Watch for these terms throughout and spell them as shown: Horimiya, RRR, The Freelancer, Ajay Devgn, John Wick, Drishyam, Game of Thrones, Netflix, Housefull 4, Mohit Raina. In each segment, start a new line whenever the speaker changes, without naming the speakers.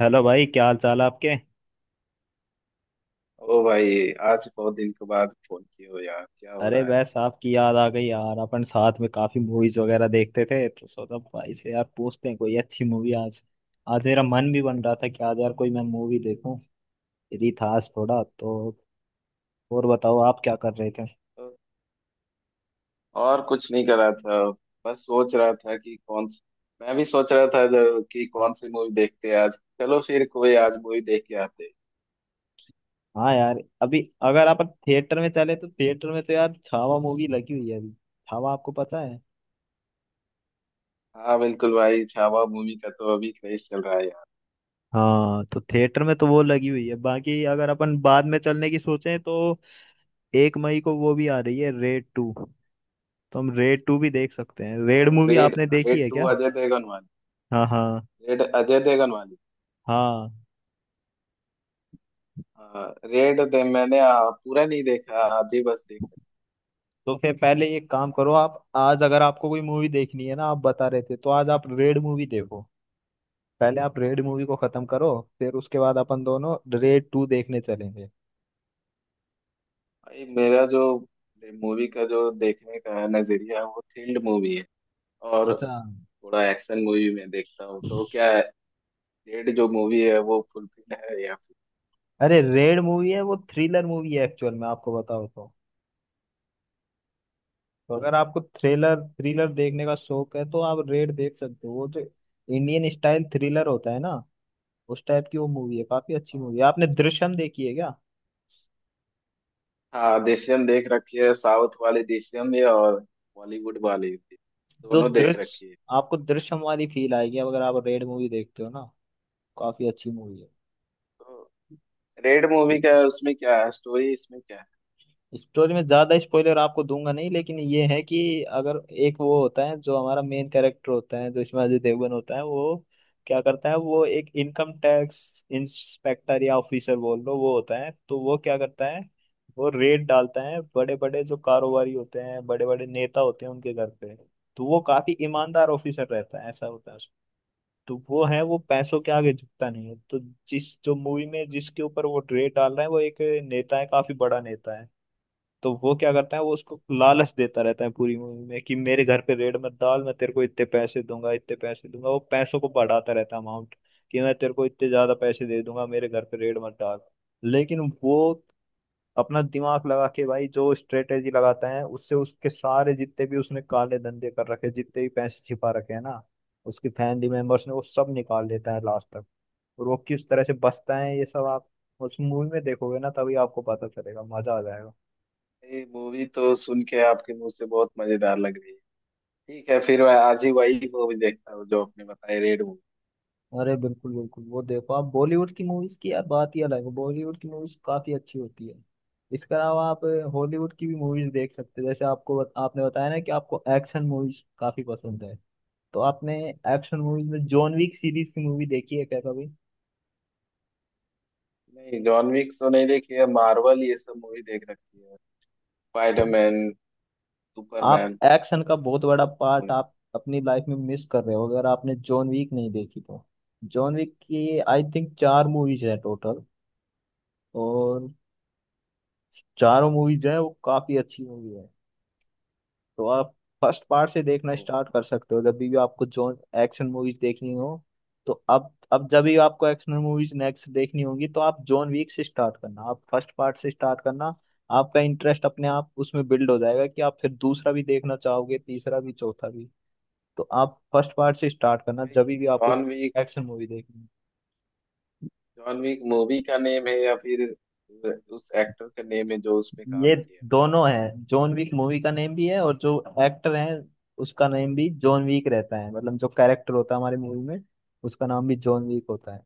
Hello भाई, क्या हाल चाल है आपके।
ओ भाई आज बहुत दिन के बाद फोन किए हो यार, क्या हो
अरे
रहा है?
बस आपकी याद आ गई यार। अपन साथ में काफी मूवीज वगैरह देखते थे तो सोचा भाई से यार पूछते हैं कोई अच्छी मूवी आज। आज मेरा मन भी बन रहा था कि आज यार कोई मैं मूवी देखूं। फ्री था आज थोड़ा तो। और बताओ आप क्या कर रहे थे।
तो और कुछ नहीं कर रहा था। बस सोच रहा था कि कौन सी, मैं भी सोच रहा था जो कि कौन सी मूवी देखते हैं आज। चलो फिर कोई आज मूवी देख के आते हैं।
हाँ यार, अभी अगर आप थिएटर में चले तो थिएटर में तो यार छावा मूवी लगी हुई है अभी। छावा आपको पता है।
हाँ बिल्कुल भाई, छावा मूवी का तो अभी क्रेज चल रहा है यार।
हाँ, तो थिएटर में तो वो लगी हुई है। बाकी अगर अपन बाद में चलने की सोचें तो 1 मई को वो भी आ रही है रेड टू। तो हम रेड टू भी देख सकते हैं। रेड
और
मूवी
रेड,
आपने देखी
रेड
है
टू
क्या।
अजय देवगन वाली?
हाँ, हाँ,
रेड अजय देवगन वाली?
हाँ।
हाँ रेड दे मैंने पूरा नहीं देखा, आधी बस देखा।
तो फिर पहले एक काम करो, आप आज अगर आपको कोई मूवी देखनी है ना, आप बता रहे थे तो आज आप रेड मूवी देखो। पहले आप रेड मूवी को खत्म करो। फिर उसके बाद अपन दोनों रेड टू देखने चलेंगे।
भाई मेरा जो मूवी का जो देखने का नजरिया है वो थ्रिल्ड मूवी है। और
अच्छा।
थोड़ा एक्शन मूवी में देखता हूँ तो क्या रेड जो मूवी है वो फुलफिल है या फिर?
अरे रेड मूवी है वो थ्रिलर मूवी है एक्चुअल में, आपको बताओ तो। तो अगर आपको थ्रिलर थ्रिलर देखने का शौक है तो आप रेड देख सकते हो। वो जो इंडियन स्टाइल थ्रिलर होता है ना, उस टाइप की वो मूवी है। काफी अच्छी
हाँ
मूवी है। आपने दृश्यम देखी है क्या।
हाँ, देशियम देख रखी है, साउथ वाली देशियम भी और बॉलीवुड वाली भी,
तो
दोनों देख
दृश्य
रखी है।
आपको दृश्यम वाली फील आएगी अब अगर आप रेड मूवी देखते हो ना। काफी अच्छी मूवी है।
तो रेड मूवी का उसमें क्या है स्टोरी, इसमें क्या
स्टोरी में ज्यादा स्पॉइलर आपको दूंगा नहीं, लेकिन ये है कि अगर एक वो होता है जो हमारा मेन कैरेक्टर होता है, जो इसमें अजय देवगन होता है, वो क्या करता है वो एक इनकम टैक्स इंस्पेक्टर या ऑफिसर बोल लो वो होता है। तो वो क्या करता है वो रेड डालता है बड़े बड़े जो कारोबारी होते हैं, बड़े बड़े नेता होते हैं, उनके घर पे। तो वो काफी ईमानदार ऑफिसर रहता है, ऐसा होता है। तो वो है वो पैसों के आगे झुकता नहीं है। तो जिस जो मूवी में जिसके ऊपर वो रेड डाल रहा है वो एक नेता है, काफी बड़ा नेता है। तो वो क्या करता है वो उसको लालच देता रहता है पूरी मूवी में कि मेरे घर पे रेड मत डाल, मैं तेरे को इतने पैसे दूंगा, इतने पैसे दूंगा। वो पैसों को बढ़ाता रहता है अमाउंट कि मैं तेरे को इतने ज्यादा पैसे दे दूंगा, मेरे घर पे रेड मत डाल। लेकिन वो अपना दिमाग लगा के भाई जो स्ट्रेटेजी लगाता है उससे उसके सारे जितने भी उसने काले धंधे कर रखे, जितने भी पैसे छिपा रखे हैं ना उसकी फैमिली मेंबर्स ने, वो सब निकाल लेता है लास्ट तक। और वो किस तरह से बचता है ये सब आप उस मूवी में देखोगे ना तभी आपको पता चलेगा, मजा आ जाएगा।
है? ये मूवी तो सुन के आपके मुंह से बहुत मजेदार लग रही है। ठीक है, फिर मैं आज ही वही मूवी देखता हूँ जो आपने बताई, रेड मूवी।
अरे बिल्कुल, बिल्कुल, वो देखो आप बॉलीवुड की मूवीज की यार बात ही अलग है। बॉलीवुड की मूवीज काफी अच्छी होती है। इसके अलावा आप हॉलीवुड की भी मूवीज देख सकते हैं। जैसे आपको आपने बताया ना कि आपको एक्शन मूवीज काफी पसंद है। तो आपने एक्शन मूवीज में जॉन विक सीरीज की मूवी देखी है क्या कभी।
नहीं, जॉन विक तो नहीं देखी है। मार्वल ये सब मूवी देख रखी है।
तो
स्पाइडरमैन,
आप
सुपरमैन,
एक्शन का
ये
बहुत
सब
बड़ा पार्ट आप अपनी लाइफ में मिस कर रहे हो अगर आपने जॉन विक नहीं देखी तो। जॉन विक की आई थिंक चार मूवीज है टोटल। और चारों मूवीज जो है वो काफी अच्छी मूवी है। तो आप फर्स्ट पार्ट से देखना
मूवी।
स्टार्ट कर सकते हो जब भी आपको जो एक्शन मूवीज देखनी हो। तो अब जब भी आपको एक्शन मूवीज नेक्स्ट देखनी होगी तो आप जॉन वीक से स्टार्ट करना, आप फर्स्ट पार्ट से स्टार्ट करना। आपका इंटरेस्ट अपने आप उसमें बिल्ड हो जाएगा कि आप फिर दूसरा भी देखना चाहोगे, तीसरा भी, चौथा भी। तो आप फर्स्ट पार्ट से स्टार्ट करना जब भी आपको
जॉन विक,
एक्शन मूवी देखनी हो।
जॉन विक मूवी का नेम है या फिर उस एक्टर का नेम है जो उसमें काम
ये
किया?
दोनों है। जॉन विक मूवी का नेम भी है और जो एक्टर है उसका नेम भी जॉन विक रहता है। मतलब जो कैरेक्टर होता है हमारी मूवी में उसका नाम भी जॉन विक होता है।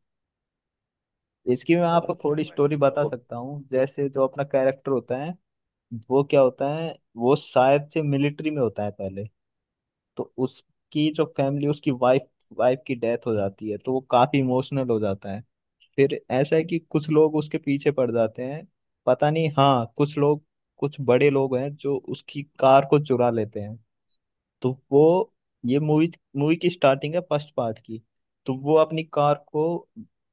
इसकी मैं
ओ
आपको
अच्छा
थोड़ी
भाई।
स्टोरी बता
तो
सकता हूँ। जैसे जो अपना कैरेक्टर होता है वो क्या होता है वो शायद से मिलिट्री में होता है पहले। तो उसकी जो फैमिली, उसकी वाइफ वाइफ की डेथ हो जाती है तो वो काफी इमोशनल हो जाता है। फिर ऐसा है कि कुछ लोग उसके पीछे पड़ जाते हैं। पता नहीं, हाँ कुछ लोग, कुछ बड़े लोग हैं जो उसकी कार को चुरा लेते हैं। तो वो, ये मूवी मूवी की स्टार्टिंग है फर्स्ट पार्ट की। तो वो अपनी कार को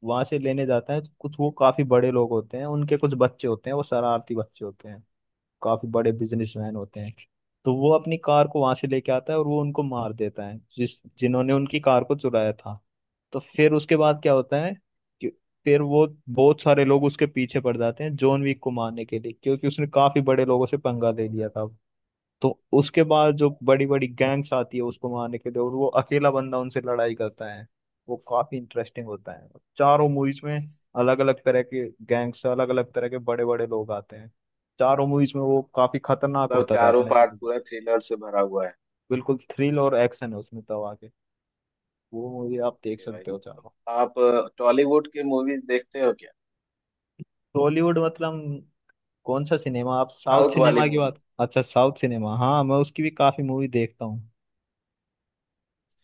वहां से लेने जाता है। कुछ वो काफी बड़े लोग होते हैं, उनके कुछ बच्चे होते हैं, वो शरारती बच्चे होते हैं, काफी बड़े बिजनेसमैन होते हैं। तो वो अपनी कार को वहां से लेके आता है और वो उनको मार देता है जिस जिन्होंने उनकी कार को चुराया था। तो फिर उसके बाद क्या होता है कि फिर वो बहुत सारे लोग उसके पीछे पड़ जाते हैं जॉन विक को मारने के लिए, क्योंकि उसने काफी बड़े लोगों से पंगा ले लिया
अम,
था। तो उसके बाद जो बड़ी बड़ी गैंग्स आती है उसको मारने के लिए और वो अकेला बंदा उनसे लड़ाई करता है, वो काफी इंटरेस्टिंग होता है। चारों मूवीज में अलग अलग तरह के गैंग्स, अलग अलग तरह के बड़े बड़े लोग आते हैं। चारों मूवीज में वो काफी खतरनाक
मतलब
होता
चारों
जाता है
पार्ट
धीरे धीरे।
पूरा थ्रिलर से भरा हुआ है?
बिल्कुल थ्रिल और एक्शन है उसमें, तब आके वो मूवी आप देख
ये भाई,
सकते हो
तो
चारों।
आप टॉलीवुड के मूवीज देखते हो क्या?
टॉलीवुड मतलब कौन सा सिनेमा, आप साउथ
साउथ वाली
सिनेमा की
मूवीज।
बात। अच्छा साउथ सिनेमा, हाँ मैं उसकी भी काफी मूवी देखता हूँ।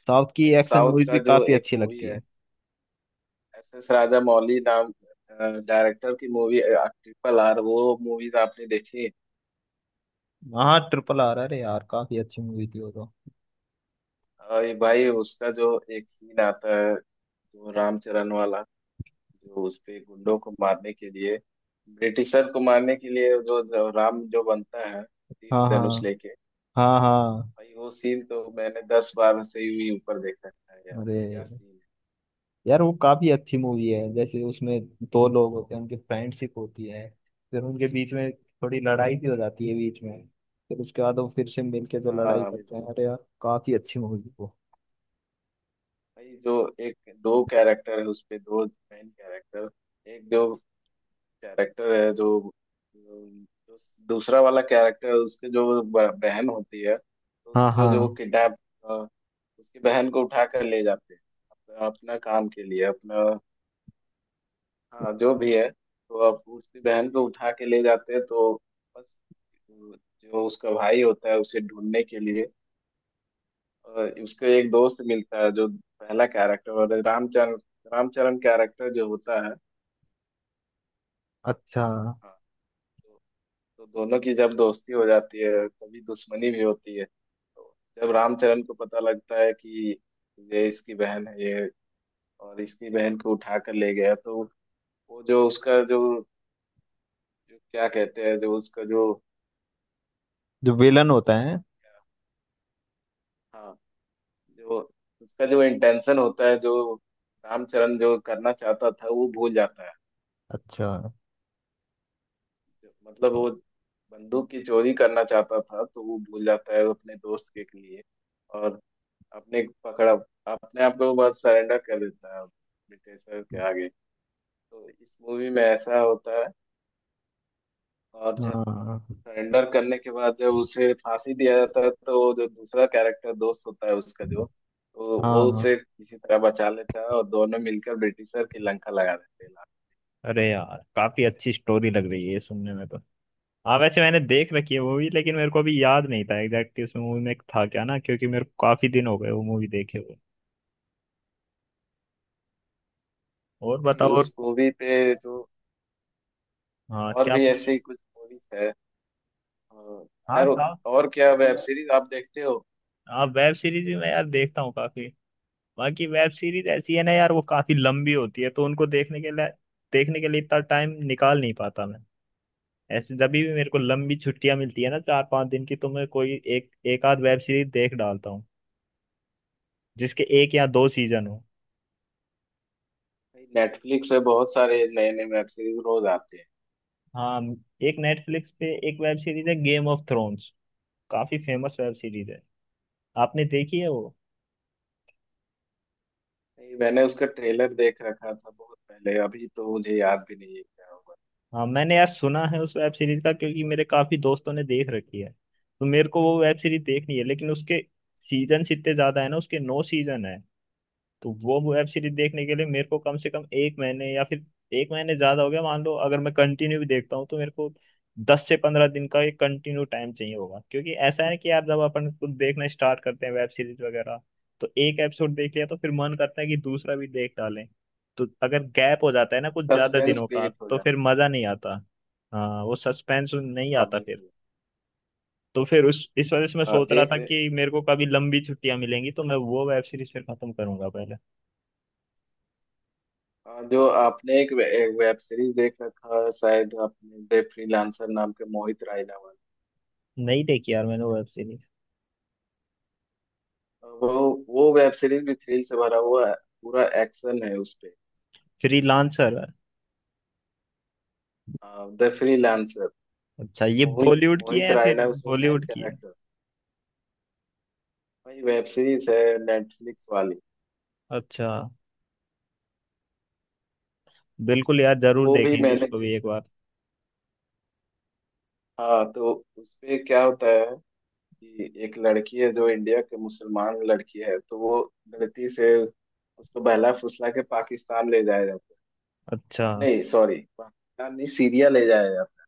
साउथ की
भाई,
एक्शन
साउथ
मूवीज भी
का जो
काफी
एक
अच्छी
मूवी
लगती
है
है।
एस एस राजा मौली नाम डायरेक्टर की, मूवी ट्रिपल आर, वो मूवीज आपने देखी?
हाँ ट्रिपल आर, अरे यार काफी अच्छी मूवी थी वो तो।
ये भाई उसका जो एक सीन आता है जो रामचरण वाला, जो उस पे गुंडों को मारने के लिए, ब्रिटिशर को मारने के लिए जो राम जो बनता है तीर
हाँ, हाँ।
धनुष लेके,
हाँ, हाँ।
भाई वो सीन तो मैंने 10 बार से भी ऊपर देखा है यार।
अरे
क्या सीन
यार वो काफी अच्छी मूवी है। जैसे उसमें दो लोग होते हैं, उनकी फ्रेंडशिप होती है, फिर उनके बीच में थोड़ी लड़ाई भी हो जाती है बीच में। फिर उसके बाद वो फिर से मिलके जो
है!
लड़ाई
हाँ
करते हैं, अरे यार काफी अच्छी मूवी थी वो।
भाई, जो एक दो कैरेक्टर है उस पे, दो मेन कैरेक्टर। एक जो कैरेक्टर है जो, जो जो दूसरा वाला कैरेक्टर है, उसके जो बहन होती है, तो
हाँ,
उसको जो
हाँ।
किडनैप, उसकी बहन को उठा कर ले जाते हैं, अपना अपना काम के लिए अपना, हाँ जो भी है। तो अब उसकी बहन को उठा के ले जाते हैं, तो बस जो उसका भाई होता है उसे ढूंढने के लिए उसको एक दोस्त मिलता है जो पहला कैरेक्टर, और रामचरण, रामचरण कैरेक्टर जो होता है।
अच्छा।
हाँ तो, तो दोनों की जब दोस्ती हो जाती है तभी दुश्मनी भी होती है। तो जब रामचरण को पता लगता है कि ये इसकी बहन है ये, और इसकी बहन को उठा कर ले गया तो वो जो उसका जो क्या कहते हैं, जो उसका जो,
जो विलन होता है।
हाँ, जो उसका जो इंटेंशन होता है जो रामचरण जो करना चाहता था वो भूल जाता है।
अच्छा।
मतलब वो बंदूक की चोरी करना चाहता था, तो वो भूल जाता है अपने दोस्त के लिए। और अपने पकड़ा अपने आप को बस सरेंडर कर देता है ब्रिटिशर के आगे। तो इस मूवी में ऐसा होता है। और जो
हाँ,
सरेंडर करने के बाद जब उसे फांसी दिया जाता है, तो जो दूसरा कैरेक्टर दोस्त होता है उसका जो, तो वो
हाँ।
उसे किसी तरह बचा लेता है और दोनों मिलकर ब्रिटिशर की लंका लगा देते हैं।
अरे यार काफी अच्छी स्टोरी लग रही है ये सुनने में तो। हाँ वैसे मैंने देख रखी है मूवी, लेकिन मेरे को अभी याद नहीं था एग्जैक्टली उसमें मूवी में था क्या ना, क्योंकि मेरे को काफी दिन हो गए वो मूवी देखे हुए। और
भाई
बताओ और।
उस मूवी पे जो
हाँ
और
क्या
भी
पूछ।
ऐसी कुछ मूवीज है? और
हाँ
और
साउथ।
और क्या वेब सीरीज आप देखते हो?
हाँ, वेब सीरीज भी मैं यार देखता हूँ काफी। बाकी वेब सीरीज ऐसी है ना यार वो काफी लंबी होती है तो उनको देखने के लिए, इतना टाइम निकाल नहीं पाता मैं। ऐसे जब भी मेरे को लंबी छुट्टियां मिलती है ना, 4-5 दिन की, तो मैं कोई एक एक आध वेब सीरीज देख डालता हूँ जिसके एक या दो सीजन हो।
भाई नेटफ्लिक्स पे बहुत सारे नए नए वेब सीरीज रोज आते हैं।
हाँ, एक नेटफ्लिक्स पे एक वेब सीरीज है गेम ऑफ थ्रोन्स, काफी फेमस वेब सीरीज है। आपने देखी है वो।
भाई मैंने उसका ट्रेलर देख रखा था बहुत पहले, अभी तो मुझे याद भी नहीं है क्या हुआ।
हाँ मैंने यार सुना है उस वेब सीरीज का क्योंकि मेरे काफी दोस्तों ने देख रखी है। तो मेरे को वो वेब सीरीज देखनी है, लेकिन उसके सीजन इतने ज्यादा है ना, उसके नौ सीजन है। तो वो वेब सीरीज देखने के लिए मेरे को कम से कम एक महीने, या फिर एक महीने ज्यादा हो गया मान लो अगर मैं कंटिन्यू भी देखता हूँ, तो मेरे को 10 से 15 दिन का एक कंटिन्यू टाइम चाहिए होगा। क्योंकि ऐसा है कि यार जब अपन कुछ देखना स्टार्ट करते हैं वेब सीरीज वगैरह, तो एक एपिसोड देख लिया तो फिर मन करता है कि दूसरा भी देख डालें। तो अगर गैप हो जाता है ना कुछ ज्यादा
सस्पेंस
दिनों का,
क्रिएट हो
तो
जाता
फिर मजा नहीं आता। हाँ, वो सस्पेंस नहीं
है। आप
आता फिर।
बिल्कुल,
तो फिर उस इस वजह से मैं सोच रहा
एक,
था कि मेरे को कभी लंबी छुट्टियां मिलेंगी तो मैं वो वेब सीरीज फिर खत्म करूंगा पहले।
जो आपने एक एक वेब सीरीज देख रखा है शायद आपने, द फ्रीलांसर नाम के, मोहित रायनावत,
नहीं देखी यार मैंने वेब सीरीज।
वो वेब सीरीज भी थ्रिल से भरा हुआ है, पूरा एक्शन है उसपे।
फ्रीलांसर,
द फ्रीलांसर,
अच्छा ये
मोहित
बॉलीवुड की है
मोहित
या फिर
रायना उसमें मेन
बॉलीवुड की है।
कैरेक्टर, वही वेब सीरीज है नेटफ्लिक्स वाली।
अच्छा, बिल्कुल यार
तो
जरूर
वो भी
देखेंगे
मैंने
इसको
देख,
भी एक बार।
हाँ। तो उसपे क्या होता है कि एक लड़की है जो इंडिया के मुसलमान लड़की है, तो वो गलती से, उसको बहला फुसला के पाकिस्तान ले जाया जाता है,
अच्छा।
नहीं सॉरी पाकिस्तानी सीरिया ले जाया जाता है।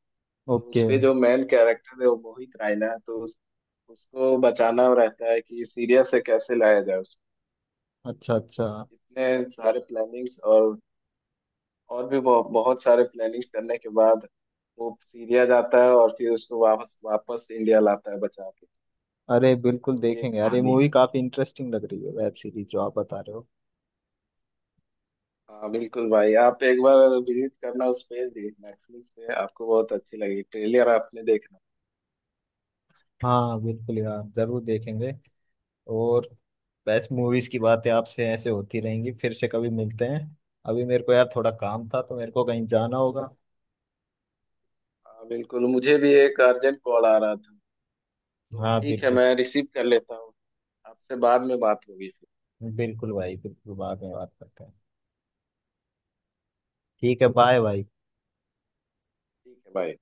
तो
ओके।
उसपे जो मेन कैरेक्टर है वो मोहित रायना है, उसको बचाना रहता है कि सीरिया से कैसे लाया जाए उसको।
अच्छा, अच्छा।
तो इतने सारे प्लानिंग्स और भी बहुत सारे प्लानिंग्स करने के बाद वो सीरिया जाता है और फिर उसको वापस वापस इंडिया लाता है बचा के।
अरे बिल्कुल
तो ये
देखेंगे यार, ये
कहानी
मूवी
है।
काफी इंटरेस्टिंग लग रही है वेब सीरीज जो आप बता रहे हो।
हाँ बिल्कुल भाई, आप एक बार विजिट करना उस पे, नेटफ्लिक्स पे, आपको बहुत अच्छी लगी ट्रेलर आपने देखना।
हाँ बिल्कुल यार जरूर देखेंगे। और बेस्ट मूवीज की बातें आपसे ऐसे होती रहेंगी, फिर से कभी मिलते हैं। अभी मेरे को यार थोड़ा काम था तो मेरे को कहीं जाना होगा।
हाँ बिल्कुल, मुझे भी एक अर्जेंट कॉल आ रहा था, तो
हाँ
ठीक है
बिल्कुल।
मैं रिसीव कर लेता हूँ। आपसे बाद में बात होगी फिर।
बिल्कुल भाई, बिल्कुल बाद में बात करते हैं। ठीक है, बाय भाई।
ठीक है बाय।